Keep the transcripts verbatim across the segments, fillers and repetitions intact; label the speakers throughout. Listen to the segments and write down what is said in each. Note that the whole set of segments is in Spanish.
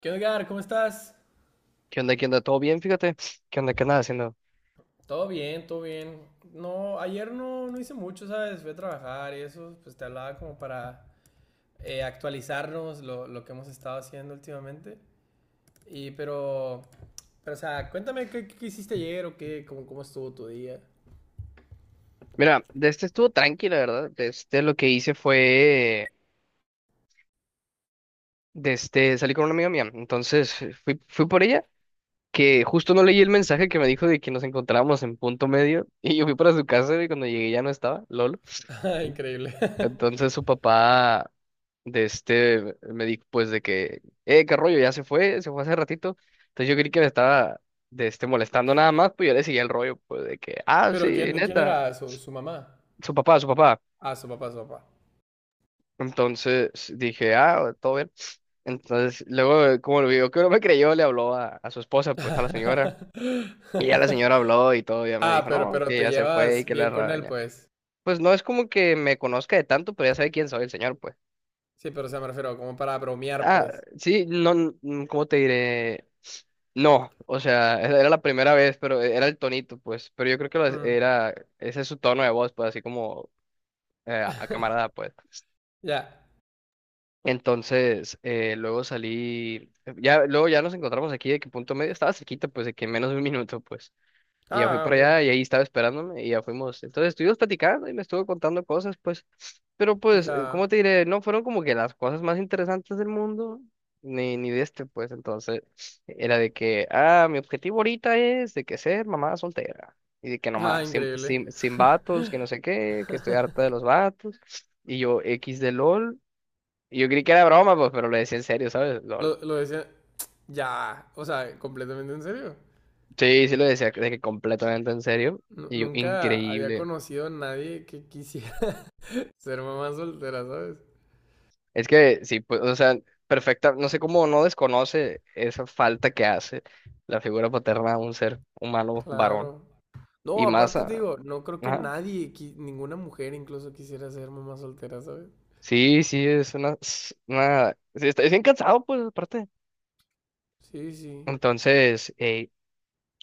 Speaker 1: ¿Qué onda, Edgar? ¿Cómo estás?
Speaker 2: ¿Qué onda? ¿Qué onda? ¿Todo bien? Fíjate. ¿Qué onda? ¿Qué andas haciendo?
Speaker 1: Todo bien, todo bien. No, ayer no, no hice mucho, ¿sabes? Fui a trabajar y eso, pues te hablaba como para eh, actualizarnos lo, lo que hemos estado haciendo últimamente. Y pero, pero o sea, cuéntame qué, qué hiciste ayer o qué, cómo, cómo estuvo tu día.
Speaker 2: Mira, de este estuvo tranquila, ¿verdad? De este lo que hice fue, de este, salí con una amiga mía. Entonces eh, fui, fui por ella, que justo no leí el mensaje que me dijo de que nos encontrábamos en punto medio. Y yo fui para su casa y cuando llegué ya no estaba, lol.
Speaker 1: Ah, increíble.
Speaker 2: Entonces su papá, de este, me dijo pues de que, eh, qué rollo, ya se fue, se fue hace ratito. Entonces yo creí que me estaba, de este, molestando nada más, pues yo le seguía el rollo, pues de que, ah,
Speaker 1: Pero
Speaker 2: sí,
Speaker 1: ¿quién, ¿quién
Speaker 2: neta,
Speaker 1: era su, su mamá?
Speaker 2: su papá, su papá.
Speaker 1: Ah, su papá, su papá.
Speaker 2: Entonces dije, ah, todo bien. Entonces, luego, como lo vio que no me creyó, le habló a, a su esposa, pues a la señora. Y ya la señora habló y todo, ya me
Speaker 1: Ah,
Speaker 2: dijo,
Speaker 1: pero,
Speaker 2: no,
Speaker 1: pero
Speaker 2: que
Speaker 1: te
Speaker 2: ya se fue y
Speaker 1: llevas
Speaker 2: que la
Speaker 1: bien con él,
Speaker 2: raña.
Speaker 1: pues.
Speaker 2: Pues no es como que me conozca de tanto, pero ya sabe quién soy el señor, pues.
Speaker 1: Sí, pero o sea, me refiero como para bromear,
Speaker 2: Ah,
Speaker 1: pues.
Speaker 2: sí, no, mm, ¿cómo te diré? No, o sea, era era la primera vez, pero era el tonito, pues. Pero yo creo que lo-
Speaker 1: Mm,
Speaker 2: era, ese es su tono de voz, pues, así como eh, a camarada, pues.
Speaker 1: ya.
Speaker 2: Entonces, eh, luego salí, ya, luego ya nos encontramos aquí de que punto medio, estaba cerquita, pues de que menos de un minuto, pues. Y ya fui
Speaker 1: Ah,
Speaker 2: para
Speaker 1: ok.
Speaker 2: allá y ahí estaba esperándome y ya fuimos. Entonces estuvimos platicando y me estuvo contando cosas, pues. Pero pues, eh, ¿cómo
Speaker 1: Ya.
Speaker 2: te diré? No fueron como que las cosas más interesantes del mundo, ni, ni de este, pues. Entonces, era de que, ah, mi objetivo ahorita es de que ser mamá soltera. Y de que
Speaker 1: Ah,
Speaker 2: nomás, sin,
Speaker 1: increíble.
Speaker 2: sin, sin vatos, que no sé qué, que estoy harta de los vatos. Y yo, X de LOL. Yo creí que era broma, pues, pero lo decía en serio, ¿sabes? Lol.
Speaker 1: Lo, lo decía. Ya. O sea, completamente en serio.
Speaker 2: Sí, sí lo decía de que completamente en serio.
Speaker 1: Nu-
Speaker 2: Y yo,
Speaker 1: nunca había
Speaker 2: increíble.
Speaker 1: conocido a nadie que quisiera ser mamá soltera, ¿sabes?
Speaker 2: Es que sí, pues, o sea, perfecta. No sé cómo no desconoce esa falta que hace la figura paterna a un ser humano varón.
Speaker 1: Claro. No,
Speaker 2: Y más,
Speaker 1: aparte te
Speaker 2: a-
Speaker 1: digo, no creo que
Speaker 2: ajá.
Speaker 1: nadie, qui- ninguna mujer incluso quisiera ser mamá soltera, ¿sabes?
Speaker 2: Sí, sí, es una, es una, sí, está, es bien cansado, pues, aparte.
Speaker 1: Sí, sí.
Speaker 2: Entonces, eh,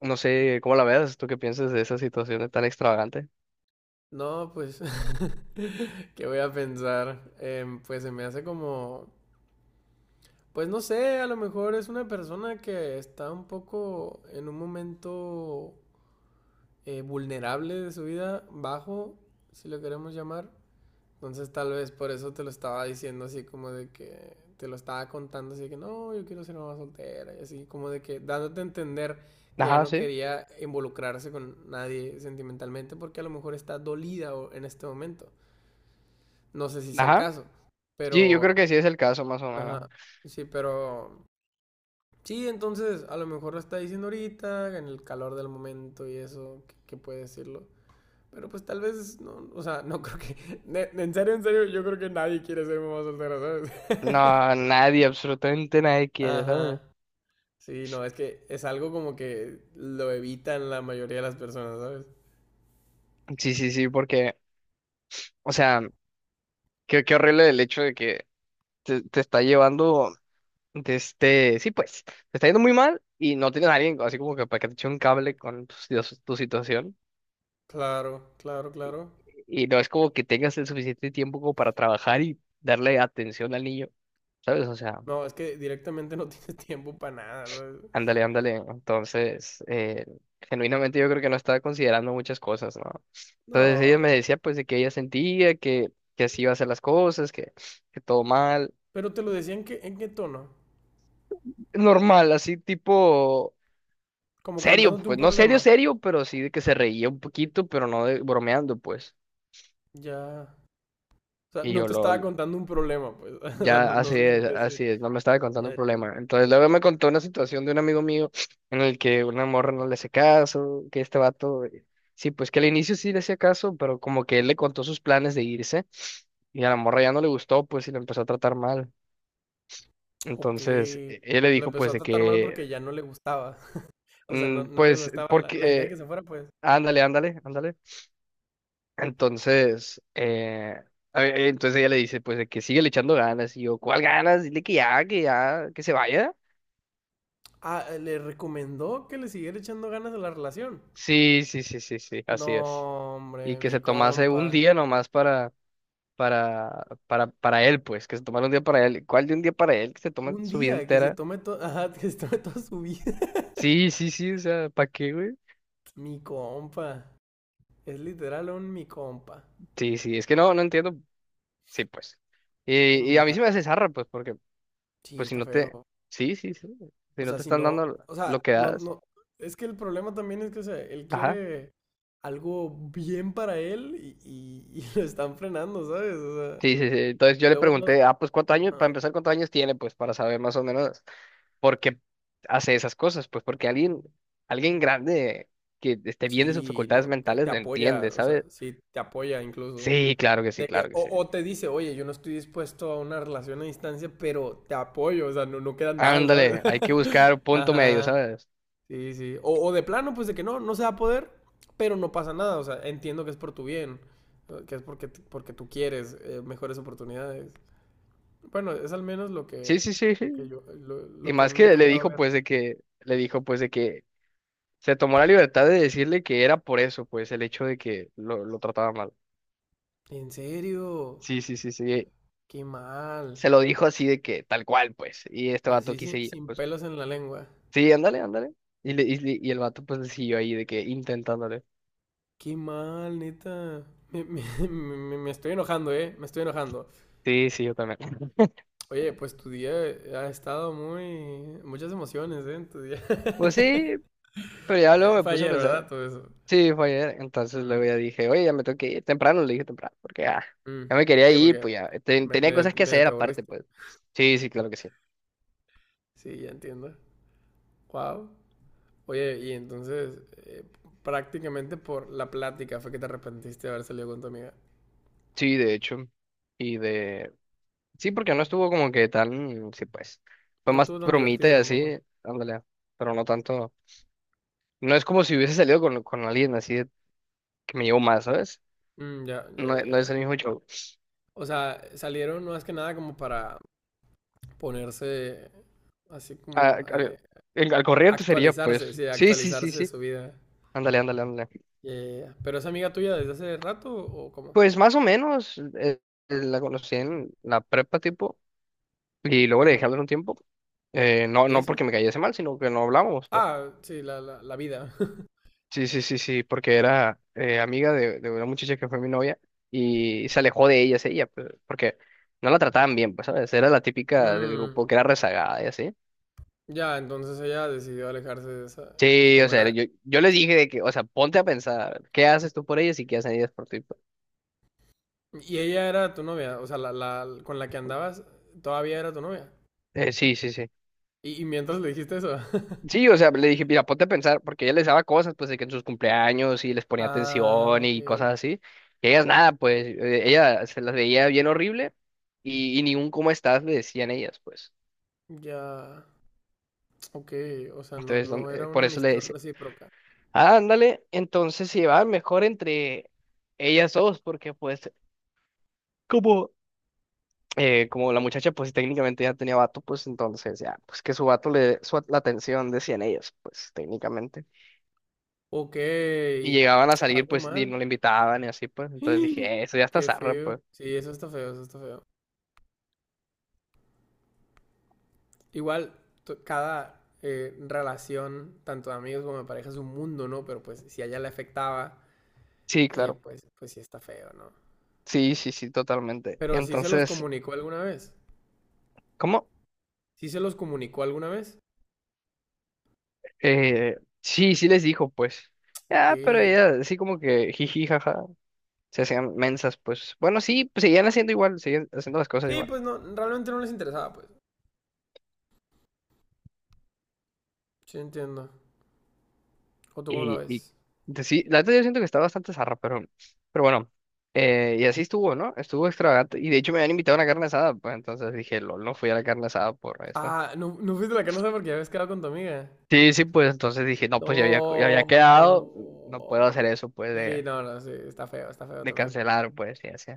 Speaker 2: no sé cómo la veas, tú qué piensas de esa situación tan extravagante.
Speaker 1: No, pues, ¿qué voy a pensar? Em, pues se me hace como, pues no sé, a lo mejor es una persona que está un poco en un momento eh, vulnerable de su vida, bajo, si lo queremos llamar. Entonces tal vez por eso te lo estaba diciendo así como de que te lo estaba contando así de que no, yo quiero ser mamá soltera y así como de que dándote a entender que ya
Speaker 2: Ajá,
Speaker 1: no
Speaker 2: sí.
Speaker 1: quería involucrarse con nadie sentimentalmente porque a lo mejor está dolida en este momento. No sé si sea el
Speaker 2: Ajá.
Speaker 1: caso,
Speaker 2: Sí, yo creo
Speaker 1: pero
Speaker 2: que sí es el caso, más o menos.
Speaker 1: ajá, sí, pero sí, entonces a lo mejor lo está diciendo ahorita en el calor del momento y eso que, que puede decirlo. Pero pues tal vez, no, o sea, no creo que... ne- En serio, en serio, yo creo que nadie quiere ser mamá soltera, ¿sabes?
Speaker 2: No, nadie, absolutamente nadie quiere, ¿sabes?
Speaker 1: Ajá. Sí, no, es que es algo como que lo evitan la mayoría de las personas, ¿sabes?
Speaker 2: Sí, sí, sí, porque, o sea, qué, qué horrible el hecho de que te, te está llevando de este, sí, pues, te está yendo muy mal y no tienes a alguien así como que para que te eche un cable con tu, si- tu situación
Speaker 1: Claro, claro, claro.
Speaker 2: y no es como que tengas el suficiente tiempo como para trabajar y darle atención al niño, ¿sabes? O sea,
Speaker 1: No, es que directamente no tienes tiempo para nada, ¿sabes?
Speaker 2: ándale, ándale. Entonces, eh, genuinamente yo creo que no estaba considerando muchas cosas, ¿no? Entonces ella
Speaker 1: No,
Speaker 2: me decía pues de que ella sentía que, que así iba a ser las cosas, que, que todo mal.
Speaker 1: pero te lo decía en qué, en qué tono.
Speaker 2: Normal, así tipo
Speaker 1: Como
Speaker 2: serio,
Speaker 1: contándote un
Speaker 2: pues no
Speaker 1: problema.
Speaker 2: serio, serio, pero sí de que se reía un poquito, pero no de- bromeando, pues.
Speaker 1: Ya. O sea,
Speaker 2: Y
Speaker 1: no
Speaker 2: yo,
Speaker 1: te estaba
Speaker 2: lol.
Speaker 1: contando un problema, pues. O sea,
Speaker 2: Ya,
Speaker 1: no, no
Speaker 2: así
Speaker 1: se
Speaker 2: es,
Speaker 1: sentía así.
Speaker 2: así es, no me estaba contando
Speaker 1: Ya,
Speaker 2: un
Speaker 1: ya.
Speaker 2: problema. Entonces luego me contó una situación de un amigo mío en el que una morra no le hace caso, que este vato, eh, sí, pues que al inicio sí le hacía caso, pero como que él le contó sus planes de irse y a la morra ya no le gustó, pues y lo empezó a tratar mal.
Speaker 1: Ok.
Speaker 2: Entonces e- él le
Speaker 1: Lo
Speaker 2: dijo
Speaker 1: empezó
Speaker 2: pues
Speaker 1: a
Speaker 2: de
Speaker 1: tratar mal
Speaker 2: que,
Speaker 1: porque ya no le gustaba. O sea,
Speaker 2: mm,
Speaker 1: no, no le
Speaker 2: pues,
Speaker 1: gustaba la,
Speaker 2: porque,
Speaker 1: la idea de
Speaker 2: eh,
Speaker 1: que se fuera, pues.
Speaker 2: ándale, ándale, ándale. Entonces, eh, a- entonces ella le dice pues de que sigue le echando ganas y yo, ¿cuál ganas? Dile que ya, que ya, que se vaya.
Speaker 1: Ah, eh, le recomendó que le siguiera echando ganas a la relación.
Speaker 2: Sí, sí, sí, sí, sí,
Speaker 1: No,
Speaker 2: así es.
Speaker 1: hombre,
Speaker 2: Y que
Speaker 1: mi
Speaker 2: se tomase
Speaker 1: compa.
Speaker 2: un día nomás para, para, para, para él, pues, que se tomara un día para él. ¿Cuál de un día para él que se toma
Speaker 1: Un
Speaker 2: su vida
Speaker 1: día que se
Speaker 2: entera?
Speaker 1: tome, todo ajá, que se tome toda su vida.
Speaker 2: Sí, sí, sí, o sea, ¿para qué, güey?
Speaker 1: Mi compa. Es literal un mi compa.
Speaker 2: Sí, sí, es que no, no entiendo. Sí, pues. Y, y
Speaker 1: Em,
Speaker 2: a mí
Speaker 1: Ya.
Speaker 2: sí me hace zarra, pues, porque,
Speaker 1: Sí,
Speaker 2: pues, si
Speaker 1: está
Speaker 2: no te,
Speaker 1: feo.
Speaker 2: sí, sí, sí, si
Speaker 1: O
Speaker 2: no
Speaker 1: sea,
Speaker 2: te
Speaker 1: si
Speaker 2: están
Speaker 1: no.
Speaker 2: dando lo
Speaker 1: O
Speaker 2: lo
Speaker 1: sea,
Speaker 2: que
Speaker 1: no,
Speaker 2: das,
Speaker 1: no. Es que el problema también es que, o sea, él
Speaker 2: ajá.
Speaker 1: quiere algo bien para él y, y- y lo están frenando, ¿sabes? O sea,
Speaker 2: Sí, sí, sí. Entonces yo le
Speaker 1: luego no.
Speaker 2: pregunté, ah, pues, ¿cuántos años? Para
Speaker 1: No.
Speaker 2: empezar, ¿cuántos años tiene? Pues, para saber más o menos. ¿Por qué hace esas cosas? Pues porque alguien, alguien grande que esté bien de sus
Speaker 1: Sí,
Speaker 2: facultades
Speaker 1: no, te,
Speaker 2: mentales
Speaker 1: te
Speaker 2: lo
Speaker 1: apoya,
Speaker 2: entiende,
Speaker 1: o sea,
Speaker 2: ¿sabes?
Speaker 1: sí, te apoya incluso.
Speaker 2: Sí, claro que sí,
Speaker 1: De
Speaker 2: claro
Speaker 1: que,
Speaker 2: que
Speaker 1: o,
Speaker 2: sí.
Speaker 1: o te dice, oye, yo no estoy dispuesto a una relación a distancia, pero te apoyo, o sea, no, no quedan mal, ¿sabes?
Speaker 2: Ándale, hay que buscar un punto medio,
Speaker 1: Ajá,
Speaker 2: ¿sabes?
Speaker 1: sí, sí. O, o de plano, pues de que no, no se va a poder, pero no pasa nada, o sea, entiendo que es por tu bien, eh, que es porque, t- porque tú quieres eh, mejores oportunidades. Bueno, es al menos lo que,
Speaker 2: Sí, sí, sí,
Speaker 1: lo que
Speaker 2: sí.
Speaker 1: yo, lo,
Speaker 2: Y
Speaker 1: lo que a mí
Speaker 2: más
Speaker 1: me ha
Speaker 2: que le
Speaker 1: tocado
Speaker 2: dijo,
Speaker 1: ver.
Speaker 2: pues, de que, le dijo, pues, de que se tomó la libertad de decirle que era por eso, pues, el hecho de que lo, lo trataba mal.
Speaker 1: En serio,
Speaker 2: Sí, sí, sí, sí.
Speaker 1: qué mal.
Speaker 2: Se lo dijo así de que tal cual, pues. Y este vato
Speaker 1: Así sin,
Speaker 2: quise ir,
Speaker 1: sin
Speaker 2: pues.
Speaker 1: pelos en la lengua.
Speaker 2: Sí, ándale, ándale. Y, le- y, le- y el vato, pues, le siguió ahí de que intentándole.
Speaker 1: Qué mal, neta. Me, me, me- me estoy enojando, ¿eh? Me estoy enojando.
Speaker 2: Sí, sí, yo también.
Speaker 1: Oye, pues tu día ha estado muy... Muchas emociones, ¿eh? En tu día.
Speaker 2: Pues sí, pero ya luego
Speaker 1: Eh,
Speaker 2: me
Speaker 1: Fue
Speaker 2: puse a
Speaker 1: ayer, ¿verdad?
Speaker 2: pensar.
Speaker 1: Todo eso.
Speaker 2: Sí, fue ayer. Entonces luego
Speaker 1: Mm,
Speaker 2: ya dije, oye, ya me tengo que ir temprano, le dije temprano, porque ya,
Speaker 1: mm.
Speaker 2: ya me quería
Speaker 1: Sí,
Speaker 2: ir,
Speaker 1: porque
Speaker 2: pues ya. Ten-
Speaker 1: me,
Speaker 2: tenía
Speaker 1: me-
Speaker 2: cosas que
Speaker 1: medio
Speaker 2: hacer
Speaker 1: te
Speaker 2: aparte,
Speaker 1: aburriste.
Speaker 2: pues. Sí, sí, claro que sí.
Speaker 1: Sí, ya entiendo. Wow. Oye, y entonces, eh, prácticamente por la plática fue que te arrepentiste de haber salido con tu amiga.
Speaker 2: Sí, de hecho. Y de. Sí, porque no estuvo como que tan. Sí, pues. Fue
Speaker 1: No
Speaker 2: más
Speaker 1: estuvo tan
Speaker 2: bromita y
Speaker 1: divertida tampoco.
Speaker 2: así. Ándale. Pero no tanto. No es como si hubiese salido con, con alguien así de- que me llevó más, ¿sabes?
Speaker 1: Mm, ya, ya,
Speaker 2: No,
Speaker 1: ya.
Speaker 2: no es
Speaker 1: Ya.
Speaker 2: el mismo show.
Speaker 1: O sea, salieron más que nada como para ponerse así
Speaker 2: Ah,
Speaker 1: como
Speaker 2: al,
Speaker 1: eh,
Speaker 2: al- al corriente sería, pues.
Speaker 1: actualizarse, sí,
Speaker 2: Sí, sí, sí,
Speaker 1: actualizarse de
Speaker 2: sí.
Speaker 1: su vida.
Speaker 2: Ándale, ándale, ándale.
Speaker 1: Yeah, yeah, yeah. Pero es amiga tuya desde hace rato o cómo?
Speaker 2: Pues más o menos, eh, eh, la conocí en la prepa tipo, y luego le dejé
Speaker 1: Mm,
Speaker 2: hablar un tiempo. Eh, no,
Speaker 1: ¿y
Speaker 2: no
Speaker 1: eso?
Speaker 2: porque me cayese mal, sino que no hablábamos, pues.
Speaker 1: Ah, sí, la, la, la vida.
Speaker 2: Sí, sí, sí, sí, porque
Speaker 1: Ya.
Speaker 2: era eh, amiga de, de una muchacha que fue mi novia y se alejó de ellas, ella, pues, porque no la trataban bien, pues, ¿sabes? Era la típica del
Speaker 1: Mm,
Speaker 2: grupo que era rezagada y así.
Speaker 1: ya, entonces ella decidió alejarse de esa y
Speaker 2: Sí, o
Speaker 1: como
Speaker 2: sea,
Speaker 1: era
Speaker 2: yo, yo les dije de que, o sea, ponte a pensar, ¿qué haces tú por ellas y qué hacen ellas por ti, pues?
Speaker 1: y ella era tu novia, o sea, la, la con la que andabas todavía era tu novia.
Speaker 2: Eh, sí, sí, sí.
Speaker 1: Y, y mientras le dijiste eso.
Speaker 2: Sí, o sea, le dije, mira, ponte a pensar, porque ella les daba cosas, pues, de que en sus cumpleaños y les ponía
Speaker 1: Ah,
Speaker 2: atención
Speaker 1: ok.
Speaker 2: y cosas así. Y ellas nada, pues, eh, ella se las veía bien horrible y, y ni un cómo estás le decían ellas, pues.
Speaker 1: Ya, ok, o sea, no,
Speaker 2: Entonces, don-
Speaker 1: no era
Speaker 2: eh,
Speaker 1: una
Speaker 2: por eso le
Speaker 1: amistad
Speaker 2: decía,
Speaker 1: recíproca.
Speaker 2: ah, ándale, entonces se llevaban mejor entre ellas dos, porque pues, como, eh, como la muchacha, pues, técnicamente ya tenía vato, pues, entonces, ya, pues, que su vato le, su, la atención decían ellas, pues, técnicamente.
Speaker 1: Ok,
Speaker 2: Y llegaban a salir,
Speaker 1: algo
Speaker 2: pues, y no
Speaker 1: mal.
Speaker 2: le invitaban y así, pues. Entonces dije, "Eh, eso ya está
Speaker 1: Qué
Speaker 2: zarra,
Speaker 1: feo.
Speaker 2: pues.
Speaker 1: Sí, eso está feo, eso está feo. Igual, to- cada eh, relación, tanto de amigos como de pareja, es un mundo, ¿no? Pero pues si a ella le afectaba,
Speaker 2: Sí,
Speaker 1: eh,
Speaker 2: claro.
Speaker 1: pues, pues sí está feo, ¿no?
Speaker 2: Sí, sí, sí, totalmente.
Speaker 1: Pero sí se los
Speaker 2: Entonces,
Speaker 1: comunicó alguna vez.
Speaker 2: ¿cómo?
Speaker 1: ¿Sí se los comunicó alguna vez?
Speaker 2: Eh, sí, sí les dijo, pues.
Speaker 1: Ok.
Speaker 2: Ya, pero ella, así como que jiji, jaja. Se hacían mensas, pues. Bueno, sí, pues seguían haciendo igual, seguían haciendo las cosas
Speaker 1: Sí,
Speaker 2: igual.
Speaker 1: pues no, realmente no les interesaba, pues. Sí, entiendo. ¿O tú cómo la
Speaker 2: Y, y
Speaker 1: ves?
Speaker 2: de- sí, la verdad yo siento que está bastante zarra, pero, pero bueno. Eh, y así estuvo, ¿no? Estuvo extravagante. Y de hecho me habían invitado a una carne asada, pues. Entonces dije, lol, no fui a la carne asada por esto.
Speaker 1: Ah, no, no fuiste a la casa porque ya habías quedado con tu amiga.
Speaker 2: Sí, sí, pues entonces dije, no, pues ya había, ya había quedado, no puedo
Speaker 1: No.
Speaker 2: hacer eso, pues,
Speaker 1: Sí,
Speaker 2: de,
Speaker 1: no, no, sí, está feo, está feo
Speaker 2: de
Speaker 1: también.
Speaker 2: cancelar, pues, y así.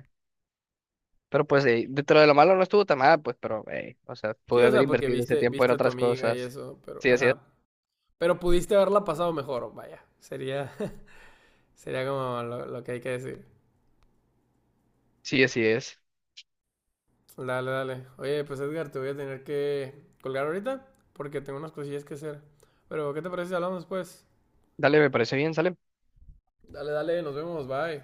Speaker 2: Pero pues, eh, dentro de lo malo no estuvo tan mal, pues, pero, eh, o sea,
Speaker 1: Sí,
Speaker 2: pude
Speaker 1: o
Speaker 2: haber
Speaker 1: sea, porque
Speaker 2: invertido ese
Speaker 1: viste,
Speaker 2: tiempo en
Speaker 1: viste a tu
Speaker 2: otras
Speaker 1: amiga y
Speaker 2: cosas.
Speaker 1: eso, pero,
Speaker 2: Sí, así es.
Speaker 1: ajá. Pero pudiste haberla pasado mejor, vaya. Sería, sería como lo, lo que hay que decir.
Speaker 2: Sí, así es.
Speaker 1: Dale, dale. Oye, pues Edgar, te voy a tener que colgar ahorita porque tengo unas cosillas que hacer. Pero, ¿qué te parece si hablamos después?
Speaker 2: Dale, me parece bien, sale.
Speaker 1: Dale, dale, nos vemos, bye.